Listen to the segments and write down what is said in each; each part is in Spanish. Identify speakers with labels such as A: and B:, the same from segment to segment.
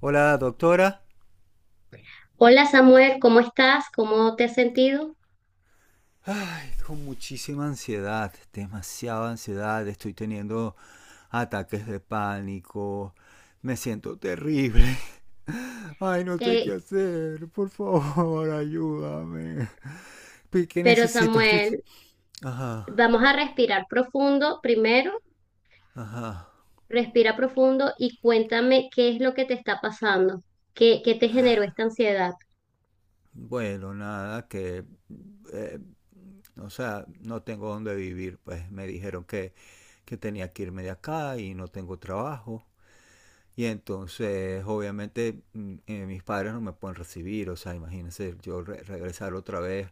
A: Hola, doctora.
B: Hola Samuel, ¿cómo estás? ¿Cómo te has sentido?
A: Ay, con muchísima ansiedad, demasiada ansiedad. Estoy teniendo ataques de pánico. Me siento terrible. Ay, no sé qué
B: Eh,
A: hacer. Por favor, ayúdame. ¿Qué
B: pero
A: necesito? Estoy...
B: Samuel,
A: Ajá,
B: vamos a respirar profundo primero,
A: ajá.
B: respira profundo y cuéntame qué es lo que te está pasando, qué te generó esta ansiedad.
A: Bueno, nada, que eh, o sea, no tengo dónde vivir. Pues me dijeron que tenía que irme de acá y no tengo trabajo. Y entonces, obviamente, mis padres no me pueden recibir, o sea, imagínense yo regresar otra vez,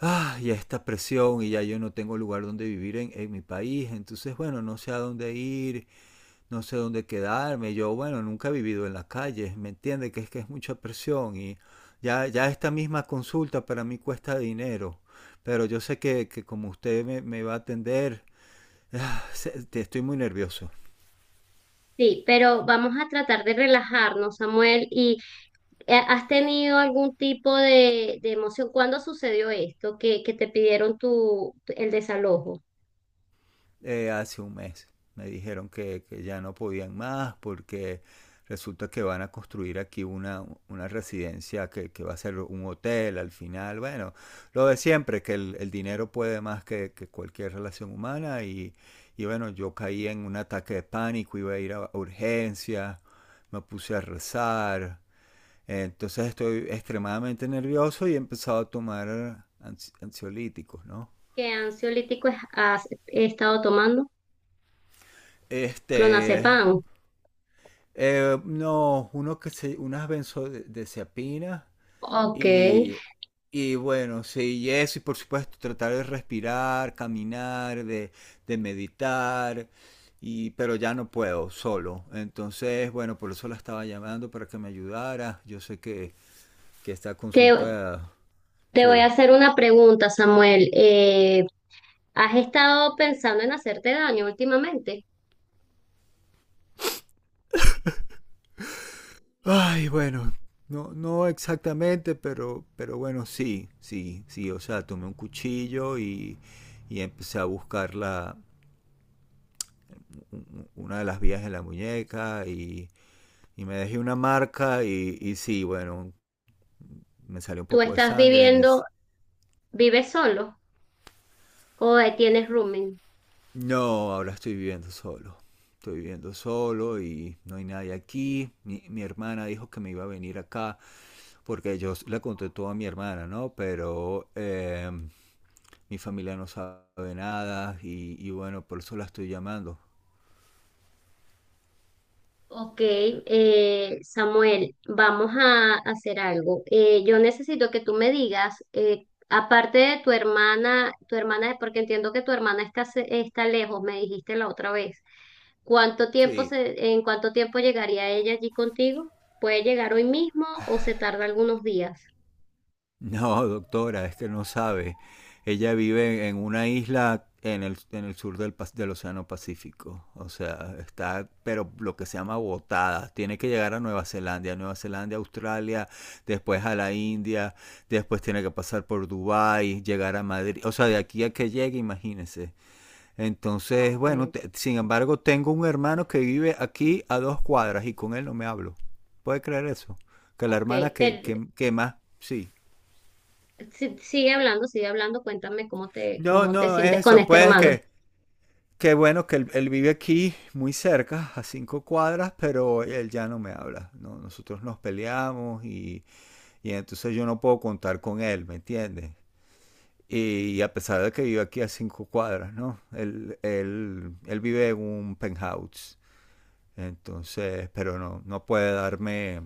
A: ah, y esta presión, y ya yo no tengo lugar donde vivir en mi país, entonces, bueno, no sé a dónde ir, no sé dónde quedarme, yo, bueno, nunca he vivido en la calle, ¿me entiende? Que es mucha presión y ya esta misma consulta para mí cuesta dinero, pero yo sé que como usted me va a atender, estoy muy nervioso.
B: Sí, pero vamos a tratar de relajarnos, Samuel, y ¿has tenido algún tipo de emoción? ¿Cuándo sucedió esto? Que te pidieron tu, el desalojo.
A: Eh, hace un mes. Me dijeron que ya no podían más porque resulta que van a construir aquí una residencia que va a ser un hotel al final. Bueno, lo de siempre, que el dinero puede más que cualquier relación humana y bueno, yo caí en un ataque de pánico, iba a ir a urgencias, me puse a rezar. Entonces estoy extremadamente nervioso y he empezado a tomar ansiolíticos, ¿no?
B: ¿Qué ansiolítico has estado tomando?
A: Este,
B: Clonazepam.
A: eh, no, uno que se, unas benzodiazepinas
B: Ok.
A: y, y bueno, sí, y eso, y por supuesto, tratar de respirar, caminar, de meditar, y, pero ya no puedo solo. Entonces, bueno, por eso la estaba llamando para que me ayudara. Yo sé que está
B: ¿Te,
A: consultada,
B: Te voy a
A: sí.
B: hacer una pregunta, Samuel. ¿Has estado pensando en hacerte daño últimamente?
A: Ay, bueno, no, no exactamente, pero bueno, sí, sí, sí, o sea, tomé un cuchillo y empecé a buscar la una de las vías en la muñeca y me dejé una marca y sí, bueno, me salió un
B: ¿Tú
A: poco de
B: estás
A: sangre.
B: viviendo,
A: Mis...
B: ¿Vives solo o tienes rooming?
A: No, ahora estoy viviendo solo. Estoy viviendo solo y no hay nadie aquí. Mi hermana dijo que me iba a venir acá porque yo la conté todo a mi hermana, ¿no? Pero mi familia no sabe nada y, y bueno, por eso la estoy llamando.
B: Ok, Samuel, vamos a hacer algo. Yo necesito que tú me digas, aparte de tu hermana, porque entiendo que tu hermana está lejos, me dijiste la otra vez.
A: Sí,
B: ¿En cuánto tiempo llegaría ella allí contigo? ¿Puede llegar hoy mismo o se tarda algunos días?
A: no, doctora, es que no sabe. Ella vive en una isla en el sur del, del Océano Pacífico. O sea, está, pero lo que se llama botada. Tiene que llegar a Nueva Zelanda, Nueva Zelanda, Australia, después a la India, después tiene que pasar por Dubái, llegar a Madrid. O sea, de aquí a que llegue, imagínese. Entonces, bueno,
B: Ok,
A: sin embargo, tengo un hermano que vive aquí a dos cuadras y con él no me hablo. ¿Puede creer eso? Que la
B: ok,
A: hermana
B: pero
A: que más, sí.
B: sigue hablando, sigue hablando. Cuéntame
A: No,
B: cómo te
A: no,
B: sientes con
A: eso,
B: este
A: pues
B: hermano.
A: que bueno que él vive aquí muy cerca, a cinco cuadras, pero él ya no me habla, ¿no? Nosotros nos peleamos y entonces yo no puedo contar con él, ¿me entiendes? Y, a pesar de que vive aquí a cinco cuadras, ¿no? Él vive en un penthouse, entonces, pero no, no puede darme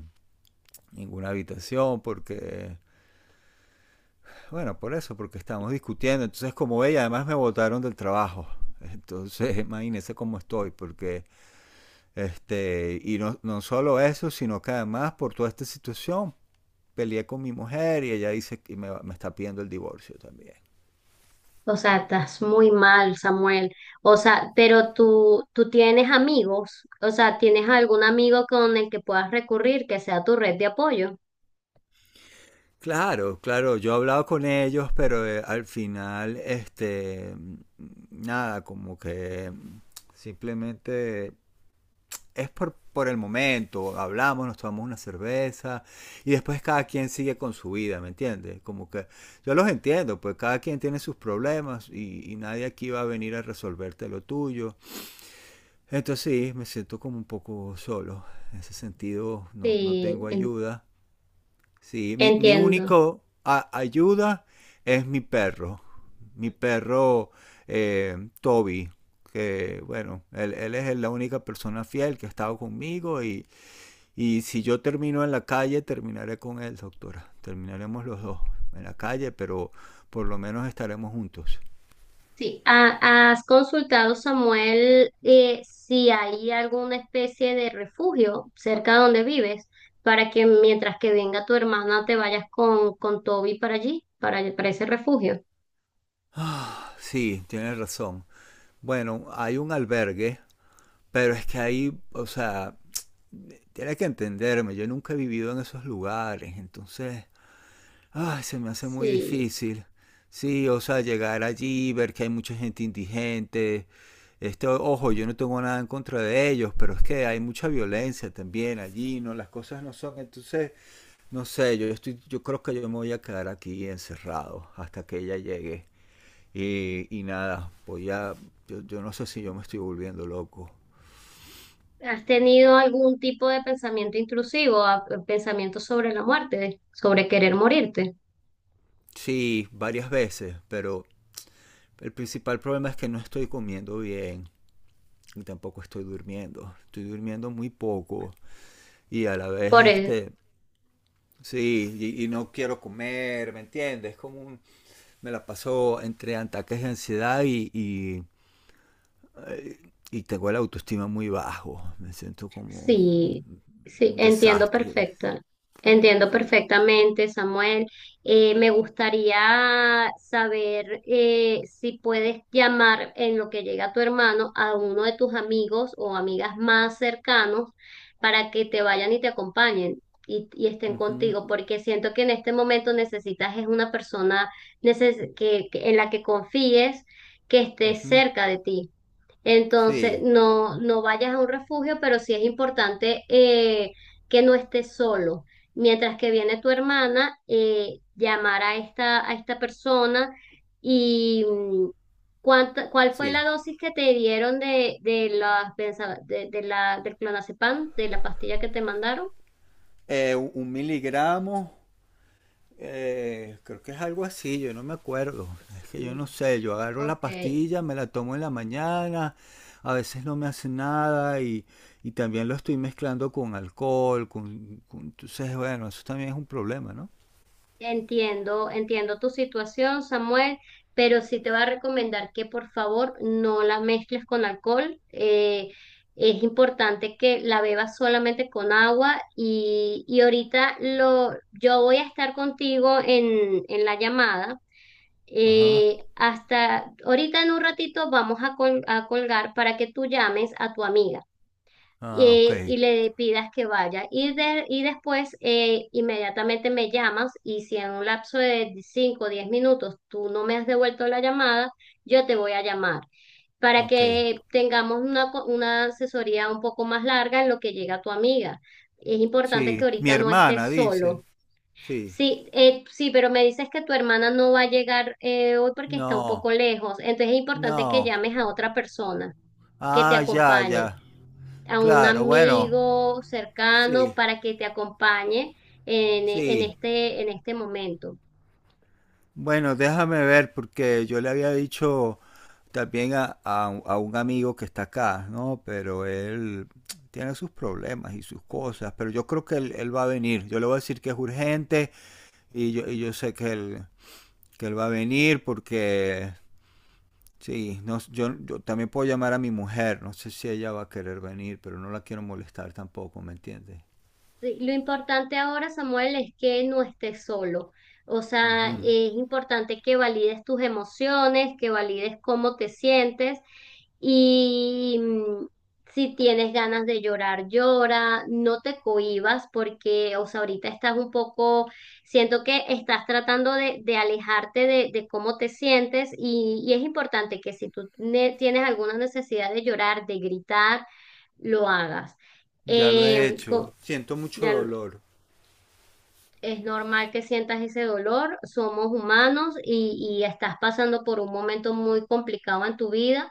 A: ninguna habitación porque bueno, por eso, porque estamos discutiendo. Entonces, como ella, además me votaron del trabajo. Entonces, imagínense cómo estoy, porque, este, y no, no solo eso, sino que además por toda esta situación peleé con mi mujer y ella dice que me está pidiendo el divorcio también.
B: O sea, estás muy mal, Samuel. O sea, pero tú tienes amigos. O sea, ¿tienes algún amigo con el que puedas recurrir que sea tu red de apoyo?
A: Claro, claro, yo he hablado con ellos, pero al final, este, nada, como que simplemente es por el momento, hablamos, nos tomamos una cerveza y después cada quien sigue con su vida, ¿me entiendes? Como que yo los entiendo, pues cada quien tiene sus problemas y nadie aquí va a venir a resolverte lo tuyo. Entonces sí, me siento como un poco solo, en ese sentido no, no
B: Sí,
A: tengo
B: en-
A: ayuda. Sí, mi
B: Entiendo.
A: único ayuda es mi perro Toby, que bueno, él es la única persona fiel que ha estado conmigo y si yo termino en la calle, terminaré con él, doctora. Terminaremos los dos en la calle, pero por lo menos estaremos juntos.
B: Sí, ¿has consultado, Samuel, si hay alguna especie de refugio cerca donde vives para que mientras que venga tu hermana te vayas con Toby para allí, para ese refugio?
A: Sí, tienes razón. Bueno, hay un albergue, pero es que ahí, o sea, tienes que entenderme, yo nunca he vivido en esos lugares, entonces ay, se me hace muy
B: Sí,
A: difícil. Sí, o sea, llegar allí, ver que hay mucha gente indigente. Este, ojo, yo no tengo nada en contra de ellos, pero es que hay mucha violencia también allí, ¿no? Las cosas no son. Entonces, no sé, yo estoy, yo creo que yo me voy a quedar aquí encerrado hasta que ella llegue. Y nada, voy a. Yo no sé si yo me estoy volviendo loco.
B: ¿has tenido algún tipo de pensamiento intrusivo, pensamiento sobre la muerte, sobre querer morirte?
A: Sí, varias veces, pero el principal problema es que no estoy comiendo bien. Y tampoco estoy durmiendo. Estoy durmiendo muy poco y a la vez
B: Por, e,
A: este, sí, y no quiero comer, ¿me entiendes? Me la paso entre ataques de ansiedad y tengo la autoestima muy bajo. Me siento como
B: Sí, sí,
A: un desastre.
B: entiendo
A: Sí.
B: perfectamente, Samuel. Me gustaría saber si puedes llamar en lo que llega tu hermano a uno de tus amigos o amigas más cercanos para que te vayan y te acompañen y estén
A: Ujú,
B: contigo, porque siento que en este momento necesitas es una persona que, en la que confíes, que esté
A: ujú.
B: cerca de ti. Entonces,
A: Sí,
B: no, no vayas a un refugio, pero sí es importante que no estés solo. Mientras que viene tu hermana, llamar a esta persona y ¿cuál fue
A: sí.
B: la dosis que te dieron las de la, del clonazepam, de la pastilla que te mandaron?
A: 1 mg. Creo que es algo así, yo no me acuerdo. Es que yo
B: Sí,
A: no sé, yo agarro la
B: ok.
A: pastilla, me la tomo en la mañana, a veces no me hace nada y, y también lo estoy mezclando con alcohol, entonces bueno, eso también es un problema, ¿no?
B: Entiendo, entiendo tu situación, Samuel, pero sí te voy a recomendar que por favor no la mezcles con alcohol. Es importante que la bebas solamente con agua y ahorita lo, yo voy a estar contigo en la llamada.
A: Ajá.
B: Hasta ahorita en un ratito vamos a colgar para que tú llames a tu amiga
A: Ah, ok,
B: y le pidas que vaya. Y después inmediatamente me llamas y si en un lapso de 5 o 10 minutos tú no me has devuelto la llamada, yo te voy a llamar para
A: ok.
B: que tengamos una asesoría un poco más larga en lo que llega tu amiga. Es importante que
A: Sí, mi
B: ahorita no
A: hermana
B: estés
A: dice,
B: solo.
A: sí.
B: Sí, sí, pero me dices que tu hermana no va a llegar hoy porque está un
A: No,
B: poco lejos. Entonces es importante que
A: no.
B: llames a otra persona que te
A: Ah, ya,
B: acompañe,
A: ya.
B: a un
A: Claro, bueno.
B: amigo cercano
A: Sí,
B: para que te acompañe
A: sí.
B: en este momento.
A: Bueno, déjame ver, porque yo le había dicho también a un amigo que está acá, ¿no? Pero él tiene sus problemas y sus cosas, pero yo creo que él va a venir. Yo le voy a decir que es urgente y yo sé que él va a venir porque, sí, no, yo, yo también puedo llamar a mi mujer, no sé si ella va a querer venir, pero no la quiero molestar tampoco, ¿me entiendes?
B: Sí, lo importante ahora, Samuel, es que no estés solo. O sea,
A: Ujú.
B: es importante que valides tus emociones, que valides cómo te sientes y si tienes ganas de llorar, llora, no te cohibas porque, o sea, ahorita estás un poco, siento que estás tratando de alejarte de cómo te sientes y es importante que si tú tienes alguna necesidad de llorar, de gritar, lo hagas.
A: Ya lo he
B: Em,
A: hecho.
B: co-
A: Siento mucho
B: ya
A: dolor.
B: es normal que sientas ese dolor, somos humanos y estás pasando por un momento muy complicado en tu vida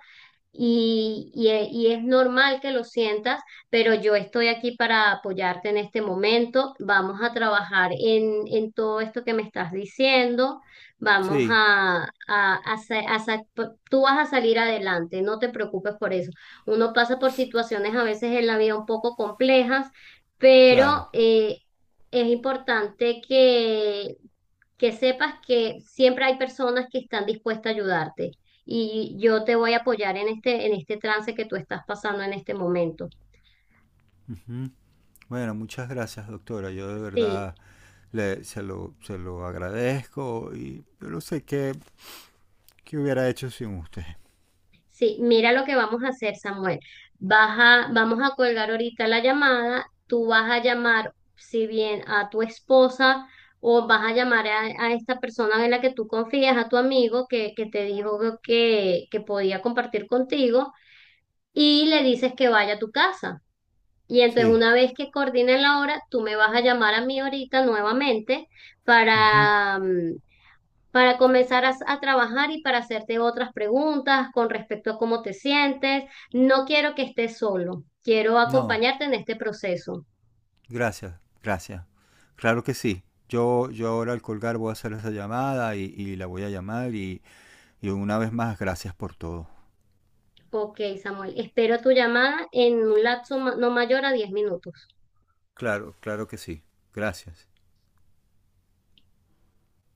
B: y, y es normal que lo sientas, pero yo estoy aquí para apoyarte en este momento. Vamos a trabajar en todo esto que me estás diciendo. Vamos
A: Sí,
B: a sa- Tú vas a salir adelante, no te preocupes por eso. Uno pasa por situaciones a veces en la vida un poco complejas,
A: claro.
B: pero es importante que sepas que siempre hay personas que están dispuestas a ayudarte y yo te voy a apoyar en este trance que tú estás pasando en este momento.
A: Bueno, muchas gracias, doctora. Yo de
B: Sí,
A: verdad le, se lo agradezco y yo no sé qué, qué hubiera hecho sin usted.
B: sí, mira lo que vamos a hacer, Samuel. Vamos a colgar ahorita la llamada, tú vas a llamar, si bien a tu esposa o vas a llamar a esta persona en la que tú confías, a tu amigo que te dijo que podía compartir contigo y le dices que vaya a tu casa. Y entonces
A: Sí.
B: una vez que coordinen la hora, tú me vas a llamar a mí ahorita nuevamente
A: Ujú.
B: para, mm, para comenzar a, trabajar y para hacerte otras preguntas con respecto a cómo te sientes. No quiero que estés solo, quiero
A: No,
B: acompañarte en este proceso.
A: gracias, gracias. Claro que sí. Yo ahora al colgar voy a hacer esa llamada y la voy a llamar y una vez más, gracias por todo.
B: Ok, Samuel, espero tu llamada en un lapso no mayor a 10 minutos.
A: Claro, claro que sí. Gracias.